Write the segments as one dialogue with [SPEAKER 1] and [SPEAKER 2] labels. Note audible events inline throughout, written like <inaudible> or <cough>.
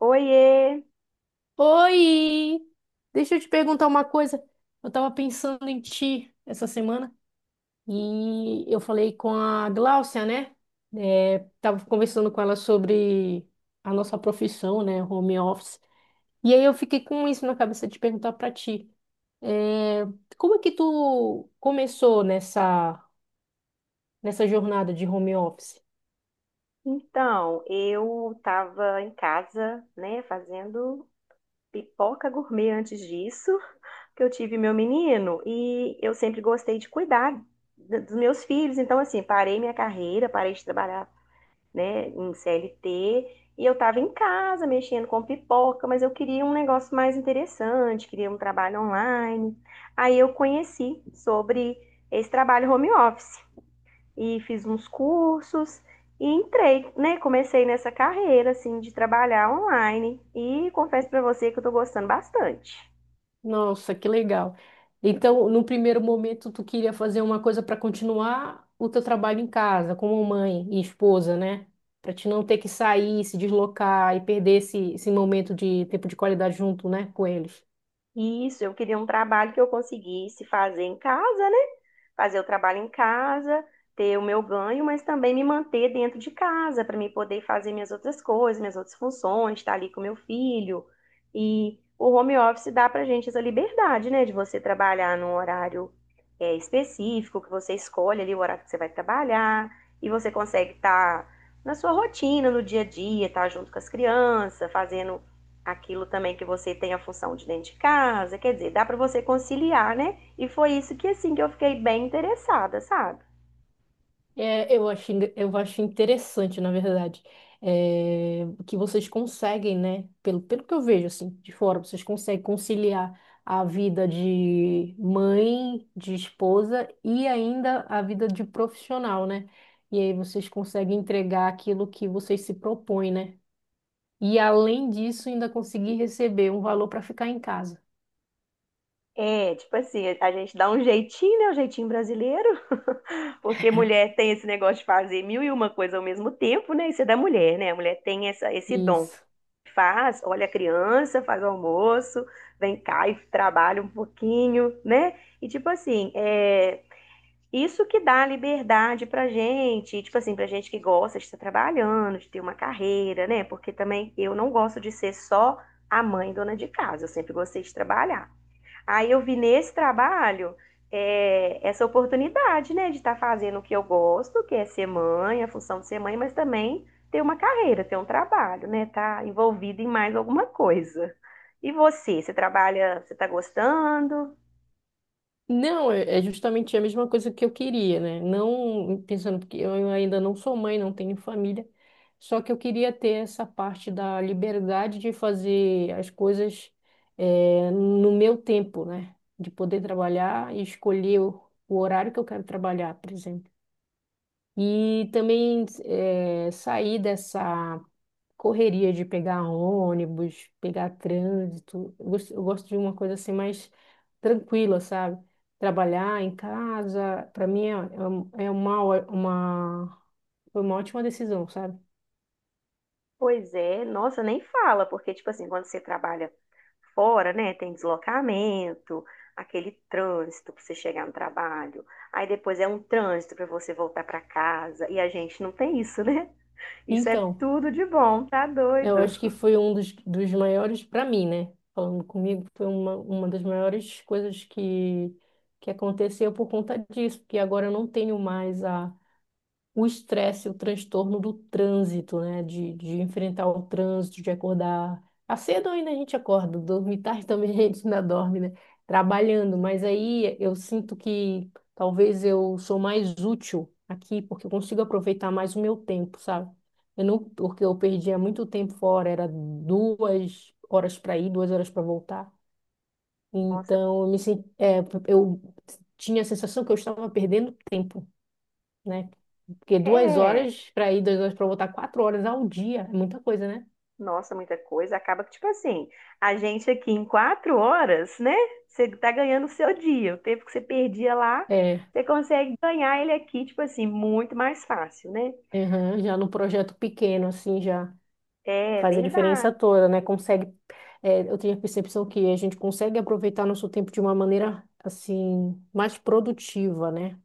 [SPEAKER 1] Oiê!
[SPEAKER 2] Oi! Deixa eu te perguntar uma coisa. Eu tava pensando em ti essa semana e eu falei com a Gláucia, né? Tava conversando com ela sobre a nossa profissão, né? Home office. E aí eu fiquei com isso na cabeça de perguntar pra ti. É, Como é que tu começou nessa jornada de home office?
[SPEAKER 1] Então, eu estava em casa, né, fazendo pipoca gourmet antes disso, que eu tive meu menino, e eu sempre gostei de cuidar dos meus filhos. Então, assim, parei minha carreira, parei de trabalhar, né, em CLT, e eu estava em casa mexendo com pipoca, mas eu queria um negócio mais interessante, queria um trabalho online. Aí eu conheci sobre esse trabalho home office. E fiz uns cursos e entrei, né? Comecei nessa carreira assim de trabalhar online e confesso para você que eu tô gostando bastante.
[SPEAKER 2] Nossa, que legal. Então, no primeiro momento, tu queria fazer uma coisa para continuar o teu trabalho em casa, como mãe e esposa, né? Para te não ter que sair, se deslocar e perder esse momento de tempo de qualidade junto, né, com eles.
[SPEAKER 1] Isso, eu queria um trabalho que eu conseguisse fazer em casa, né? Fazer o trabalho em casa, ter o meu ganho, mas também me manter dentro de casa para me poder fazer minhas outras coisas, minhas outras funções, estar ali com meu filho. E o home office dá para gente essa liberdade, né? De você trabalhar num horário específico, que você escolhe ali o horário que você vai trabalhar e você consegue estar na sua rotina, no dia a dia, estar junto com as crianças, fazendo aquilo também que você tem a função de dentro de casa, quer dizer, dá para você conciliar, né? E foi isso que assim que eu fiquei bem interessada, sabe?
[SPEAKER 2] É, eu acho, eu acho interessante, na verdade, que vocês conseguem, né? Pelo que eu vejo, assim, de fora, vocês conseguem conciliar a vida de mãe, de esposa e ainda a vida de profissional, né? E aí vocês conseguem entregar aquilo que vocês se propõem, né? E além disso, ainda conseguir receber um valor para ficar em casa.
[SPEAKER 1] É, tipo assim, a gente dá um jeitinho, né? O jeitinho brasileiro, <laughs> porque mulher tem esse negócio de fazer mil e uma coisa ao mesmo tempo, né? Isso é da mulher, né? A mulher tem esse dom.
[SPEAKER 2] Isso.
[SPEAKER 1] Faz, olha a criança, faz o almoço, vem cá e trabalha um pouquinho, né? E tipo assim, é, isso que dá liberdade pra gente, tipo assim, pra gente que gosta de estar trabalhando, de ter uma carreira, né? Porque também eu não gosto de ser só a mãe dona de casa, eu sempre gostei de trabalhar. Aí eu vi nesse trabalho essa oportunidade, né, de estar fazendo o que eu gosto, que é ser mãe, a função de ser mãe, mas também ter uma carreira, ter um trabalho, né? Tá envolvido em mais alguma coisa. E você, você trabalha, você tá gostando?
[SPEAKER 2] Não, é justamente a mesma coisa que eu queria, né? Não pensando porque eu ainda não sou mãe, não tenho família, só que eu queria ter essa parte da liberdade de fazer as coisas no meu tempo, né? De poder trabalhar e escolher o horário que eu quero trabalhar, por exemplo. E também sair dessa correria de pegar ônibus, pegar trânsito. Eu gosto de uma coisa assim mais tranquila, sabe? Trabalhar em casa, para mim foi uma ótima decisão, sabe?
[SPEAKER 1] Pois é, nossa, nem fala, porque, tipo assim, quando você trabalha fora, né, tem deslocamento, aquele trânsito para você chegar no trabalho, aí depois é um trânsito para você voltar para casa, e a gente não tem isso, <laughs> né? Isso é
[SPEAKER 2] Então,
[SPEAKER 1] tudo de bom, tá
[SPEAKER 2] eu
[SPEAKER 1] doido?
[SPEAKER 2] acho que foi um dos maiores, para mim, né? Falando comigo, foi uma das maiores coisas que aconteceu por conta disso, porque agora eu não tenho mais o estresse, o transtorno do trânsito, né? De enfrentar o trânsito, de acordar. A cedo ainda a gente acorda, dormir tarde <laughs> também a gente ainda dorme, né? Trabalhando, mas aí eu sinto que talvez eu sou mais útil aqui, porque eu consigo aproveitar mais o meu tempo, sabe? Eu não, porque eu perdia muito tempo fora, era 2 horas para ir, 2 horas para voltar.
[SPEAKER 1] Nossa,
[SPEAKER 2] Então, eu me senti, é, eu tinha a sensação que eu estava perdendo tempo, né? Porque duas
[SPEAKER 1] é,
[SPEAKER 2] horas para ir, duas horas para voltar, 4 horas ao dia, é muita coisa, né?
[SPEAKER 1] nossa, muita coisa. Acaba que, tipo assim, a gente aqui em quatro horas, né, você tá ganhando o seu dia, o tempo que você perdia lá,
[SPEAKER 2] É,
[SPEAKER 1] você consegue ganhar ele aqui, tipo assim, muito mais fácil, né?
[SPEAKER 2] aham, já no projeto pequeno, assim, já
[SPEAKER 1] É
[SPEAKER 2] faz a diferença
[SPEAKER 1] verdade.
[SPEAKER 2] toda, né? Consegue, é, eu tenho a percepção que a gente consegue aproveitar nosso tempo de uma maneira, assim, mais produtiva, né?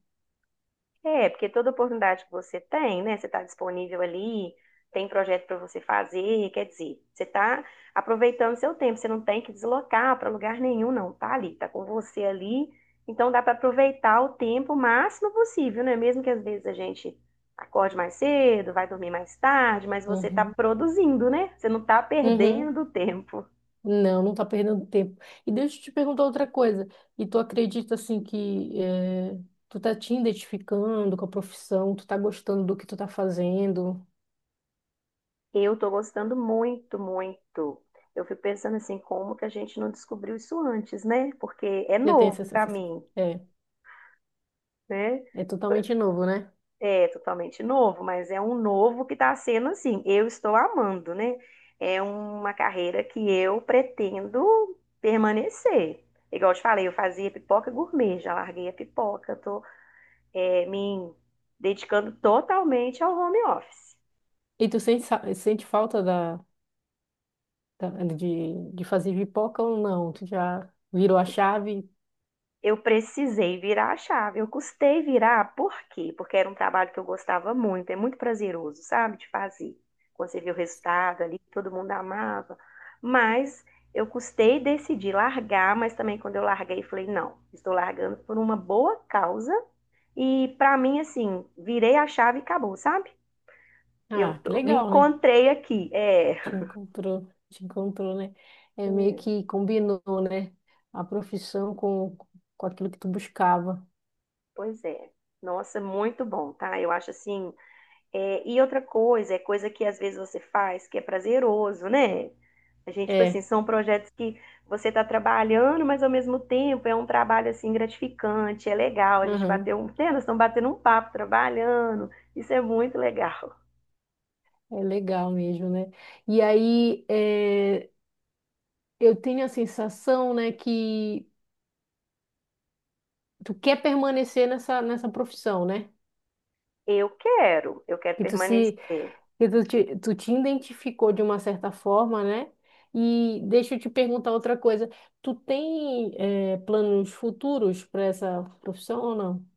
[SPEAKER 1] É, porque toda oportunidade que você tem, né? Você está disponível ali, tem projeto para você fazer, quer dizer, você está aproveitando seu tempo, você não tem que deslocar para lugar nenhum, não. Tá ali, tá com você ali. Então dá para aproveitar o tempo o máximo possível, né? Mesmo que às vezes a gente acorde mais cedo, vai dormir mais tarde, mas você está
[SPEAKER 2] Uhum.
[SPEAKER 1] produzindo, né? Você não está
[SPEAKER 2] Uhum.
[SPEAKER 1] perdendo tempo.
[SPEAKER 2] Não, não tá perdendo tempo. E deixa eu te perguntar outra coisa. E tu acredita, assim, que tu tá te identificando com a profissão, tu tá gostando do que tu tá fazendo?
[SPEAKER 1] Eu tô gostando muito, muito. Eu fico pensando assim, como que a gente não descobriu isso antes, né? Porque é
[SPEAKER 2] Eu tenho essa
[SPEAKER 1] novo pra
[SPEAKER 2] sensação.
[SPEAKER 1] mim,
[SPEAKER 2] É,
[SPEAKER 1] né?
[SPEAKER 2] é totalmente novo, né?
[SPEAKER 1] É totalmente novo, mas é um novo que tá sendo assim. Eu estou amando, né? É uma carreira que eu pretendo permanecer. Igual eu te falei, eu fazia pipoca gourmet, já larguei a pipoca, tô, é, me dedicando totalmente ao home office.
[SPEAKER 2] E tu sente, sente falta da- de fazer pipoca ou não? Tu já virou a chave?
[SPEAKER 1] Eu precisei virar a chave. Eu custei virar, por quê? Porque era um trabalho que eu gostava muito, é muito prazeroso, sabe, de fazer. Quando você vê o resultado ali, todo mundo amava. Mas eu custei decidir largar, mas também quando eu larguei, falei, não, estou largando por uma boa causa. E para mim, assim, virei a chave e acabou, sabe? Eu
[SPEAKER 2] Ah, que
[SPEAKER 1] tô- me
[SPEAKER 2] legal, né?
[SPEAKER 1] encontrei aqui. É.
[SPEAKER 2] Te encontrou, né? É meio
[SPEAKER 1] Hum,
[SPEAKER 2] que combinou, né? A profissão com aquilo que tu buscava.
[SPEAKER 1] pois é. Nossa, muito bom, tá? Eu acho assim é, e outra coisa, é coisa que às vezes você faz que é prazeroso, né? A gente, tipo assim,
[SPEAKER 2] É,
[SPEAKER 1] são projetos que você está trabalhando, mas ao mesmo tempo é um trabalho assim gratificante, é legal. A gente
[SPEAKER 2] aham,
[SPEAKER 1] bateu um, né, nós estamos batendo um papo trabalhando, isso é muito legal.
[SPEAKER 2] é legal mesmo, né? E aí, é, eu tenho a sensação, né, que tu quer permanecer nessa profissão, né?
[SPEAKER 1] Eu quero
[SPEAKER 2] Que tu
[SPEAKER 1] permanecer.
[SPEAKER 2] se que tu te identificou de uma certa forma, né? E deixa eu te perguntar outra coisa. Tu tem planos futuros para essa profissão ou não?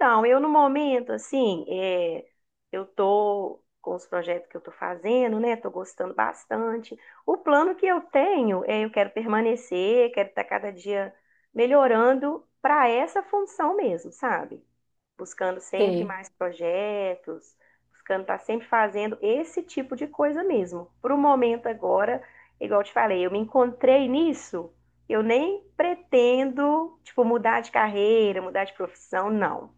[SPEAKER 1] Então, eu no momento, assim, é, eu tô com os projetos que eu tô fazendo, né? Tô gostando bastante. O plano que eu tenho é eu quero permanecer, quero estar cada dia melhorando para essa função mesmo, sabe? Buscando sempre
[SPEAKER 2] Tem.
[SPEAKER 1] mais projetos, buscando estar sempre fazendo esse tipo de coisa mesmo. Pro momento agora, igual eu te falei, eu me encontrei nisso. Eu nem pretendo, tipo, mudar de carreira, mudar de profissão, não.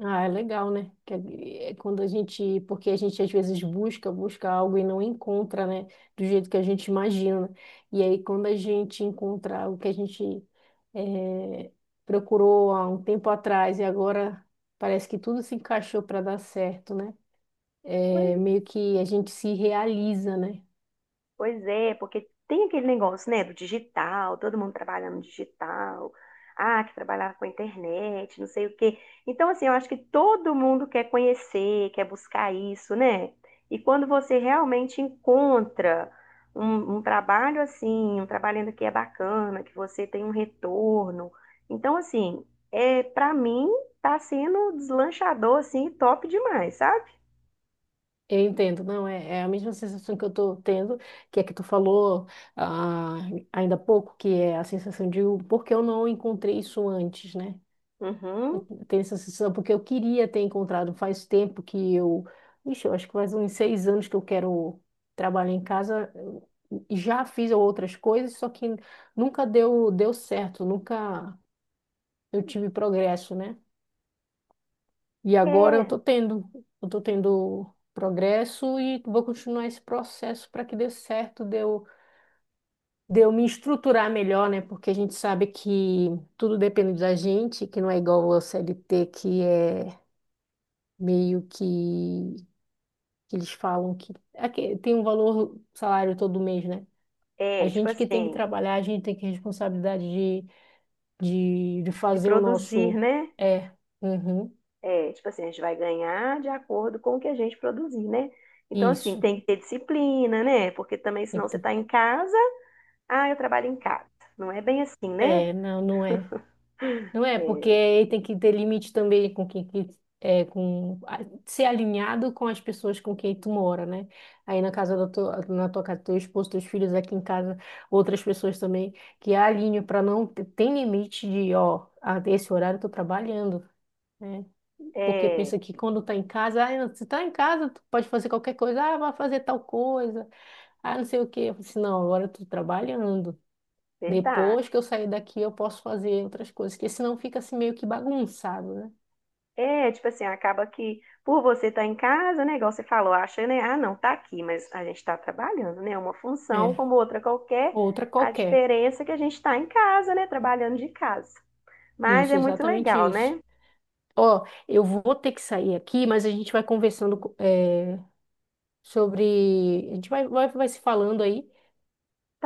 [SPEAKER 2] Ah, é legal, né? Que é quando a gente, porque a gente às vezes busca algo e não encontra, né? Do jeito que a gente imagina. E aí quando a gente encontra o que a gente eh, procurou há um tempo atrás e agora parece que tudo se encaixou para dar certo, né? É,
[SPEAKER 1] Pois,
[SPEAKER 2] meio que a gente se realiza, né?
[SPEAKER 1] pois é, porque tem aquele negócio, né, do digital, todo mundo trabalhando no digital, ah, que trabalhava com a internet, não sei o quê. Então, assim, eu acho que todo mundo quer conhecer, quer buscar isso, né? E quando você realmente encontra um trabalho assim, um trabalho ainda que é bacana, que você tem um retorno. Então, assim, é, para mim, tá sendo deslanchador, assim, top demais, sabe?
[SPEAKER 2] Eu entendo, não, é a mesma sensação que eu tô tendo, que é que tu falou ah, ainda há pouco, que é a sensação de por que eu não encontrei isso antes, né? Eu
[SPEAKER 1] Uhum.
[SPEAKER 2] tenho essa sensação porque eu queria ter encontrado faz tempo ixi, eu acho que faz uns 6 anos que eu quero trabalhar em casa, eu já fiz outras coisas, só que nunca deu certo, nunca eu tive progresso, né? E agora
[SPEAKER 1] É,
[SPEAKER 2] eu tô tendo progresso e vou continuar esse processo para que dê certo, de eu me estruturar melhor, né? Porque a gente sabe que tudo depende da gente, que não é igual ao CLT, que é meio que eles falam que aqui tem um valor salário todo mês, né? A
[SPEAKER 1] é, tipo
[SPEAKER 2] gente que tem que
[SPEAKER 1] assim.
[SPEAKER 2] trabalhar, a gente tem que ter responsabilidade de
[SPEAKER 1] De
[SPEAKER 2] fazer o
[SPEAKER 1] produzir,
[SPEAKER 2] nosso.
[SPEAKER 1] né?
[SPEAKER 2] É, uhum,
[SPEAKER 1] É, tipo assim, a gente vai ganhar de acordo com o que a gente produzir, né? Então, assim,
[SPEAKER 2] isso.
[SPEAKER 1] tem que ter disciplina, né? Porque também,
[SPEAKER 2] Tem
[SPEAKER 1] senão
[SPEAKER 2] que
[SPEAKER 1] você
[SPEAKER 2] ter-
[SPEAKER 1] está em casa, ah, eu trabalho em casa. Não é bem assim, né?
[SPEAKER 2] É, não, não é. Não é, porque
[SPEAKER 1] É,
[SPEAKER 2] aí tem que ter limite também com quem que é com a- ser alinhado com as pessoas com quem tu mora, né? Aí na casa na tua casa, teu esposo, teus filhos aqui em casa, outras pessoas também que alinham para não ter- tem limite de, ó, até esse horário eu tô trabalhando, né? Porque
[SPEAKER 1] é
[SPEAKER 2] pensa que quando tá em casa, ah, se tá em casa, tu pode fazer qualquer coisa, ah, vai fazer tal coisa, ah, não sei o quê. Eu falo assim, não, agora eu tô trabalhando.
[SPEAKER 1] verdade.
[SPEAKER 2] Depois que eu sair daqui, eu posso fazer outras coisas, porque senão fica assim meio que bagunçado, né?
[SPEAKER 1] É, tipo assim, acaba que por você estar em casa, né? Igual você falou, acha, né? Ah, não, tá aqui, mas a gente está trabalhando, né? Uma função
[SPEAKER 2] É,
[SPEAKER 1] como outra qualquer.
[SPEAKER 2] outra
[SPEAKER 1] A
[SPEAKER 2] qualquer.
[SPEAKER 1] diferença é que a gente está em casa, né? Trabalhando de casa. Mas é
[SPEAKER 2] Isso,
[SPEAKER 1] muito
[SPEAKER 2] exatamente
[SPEAKER 1] legal,
[SPEAKER 2] isso.
[SPEAKER 1] né?
[SPEAKER 2] Ó, eu vou ter que sair aqui, mas a gente vai conversando é, sobre. A gente vai se falando aí.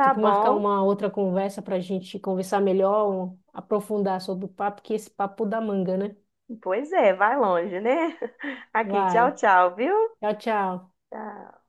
[SPEAKER 2] Tem que marcar
[SPEAKER 1] bom.
[SPEAKER 2] uma outra conversa para a gente conversar melhor, um- aprofundar sobre o papo, que esse papo dá manga, né?
[SPEAKER 1] Pois é, vai longe, né? <laughs> Aqui, tchau,
[SPEAKER 2] Vai.
[SPEAKER 1] tchau, viu?
[SPEAKER 2] Tchau, tchau.
[SPEAKER 1] Tchau.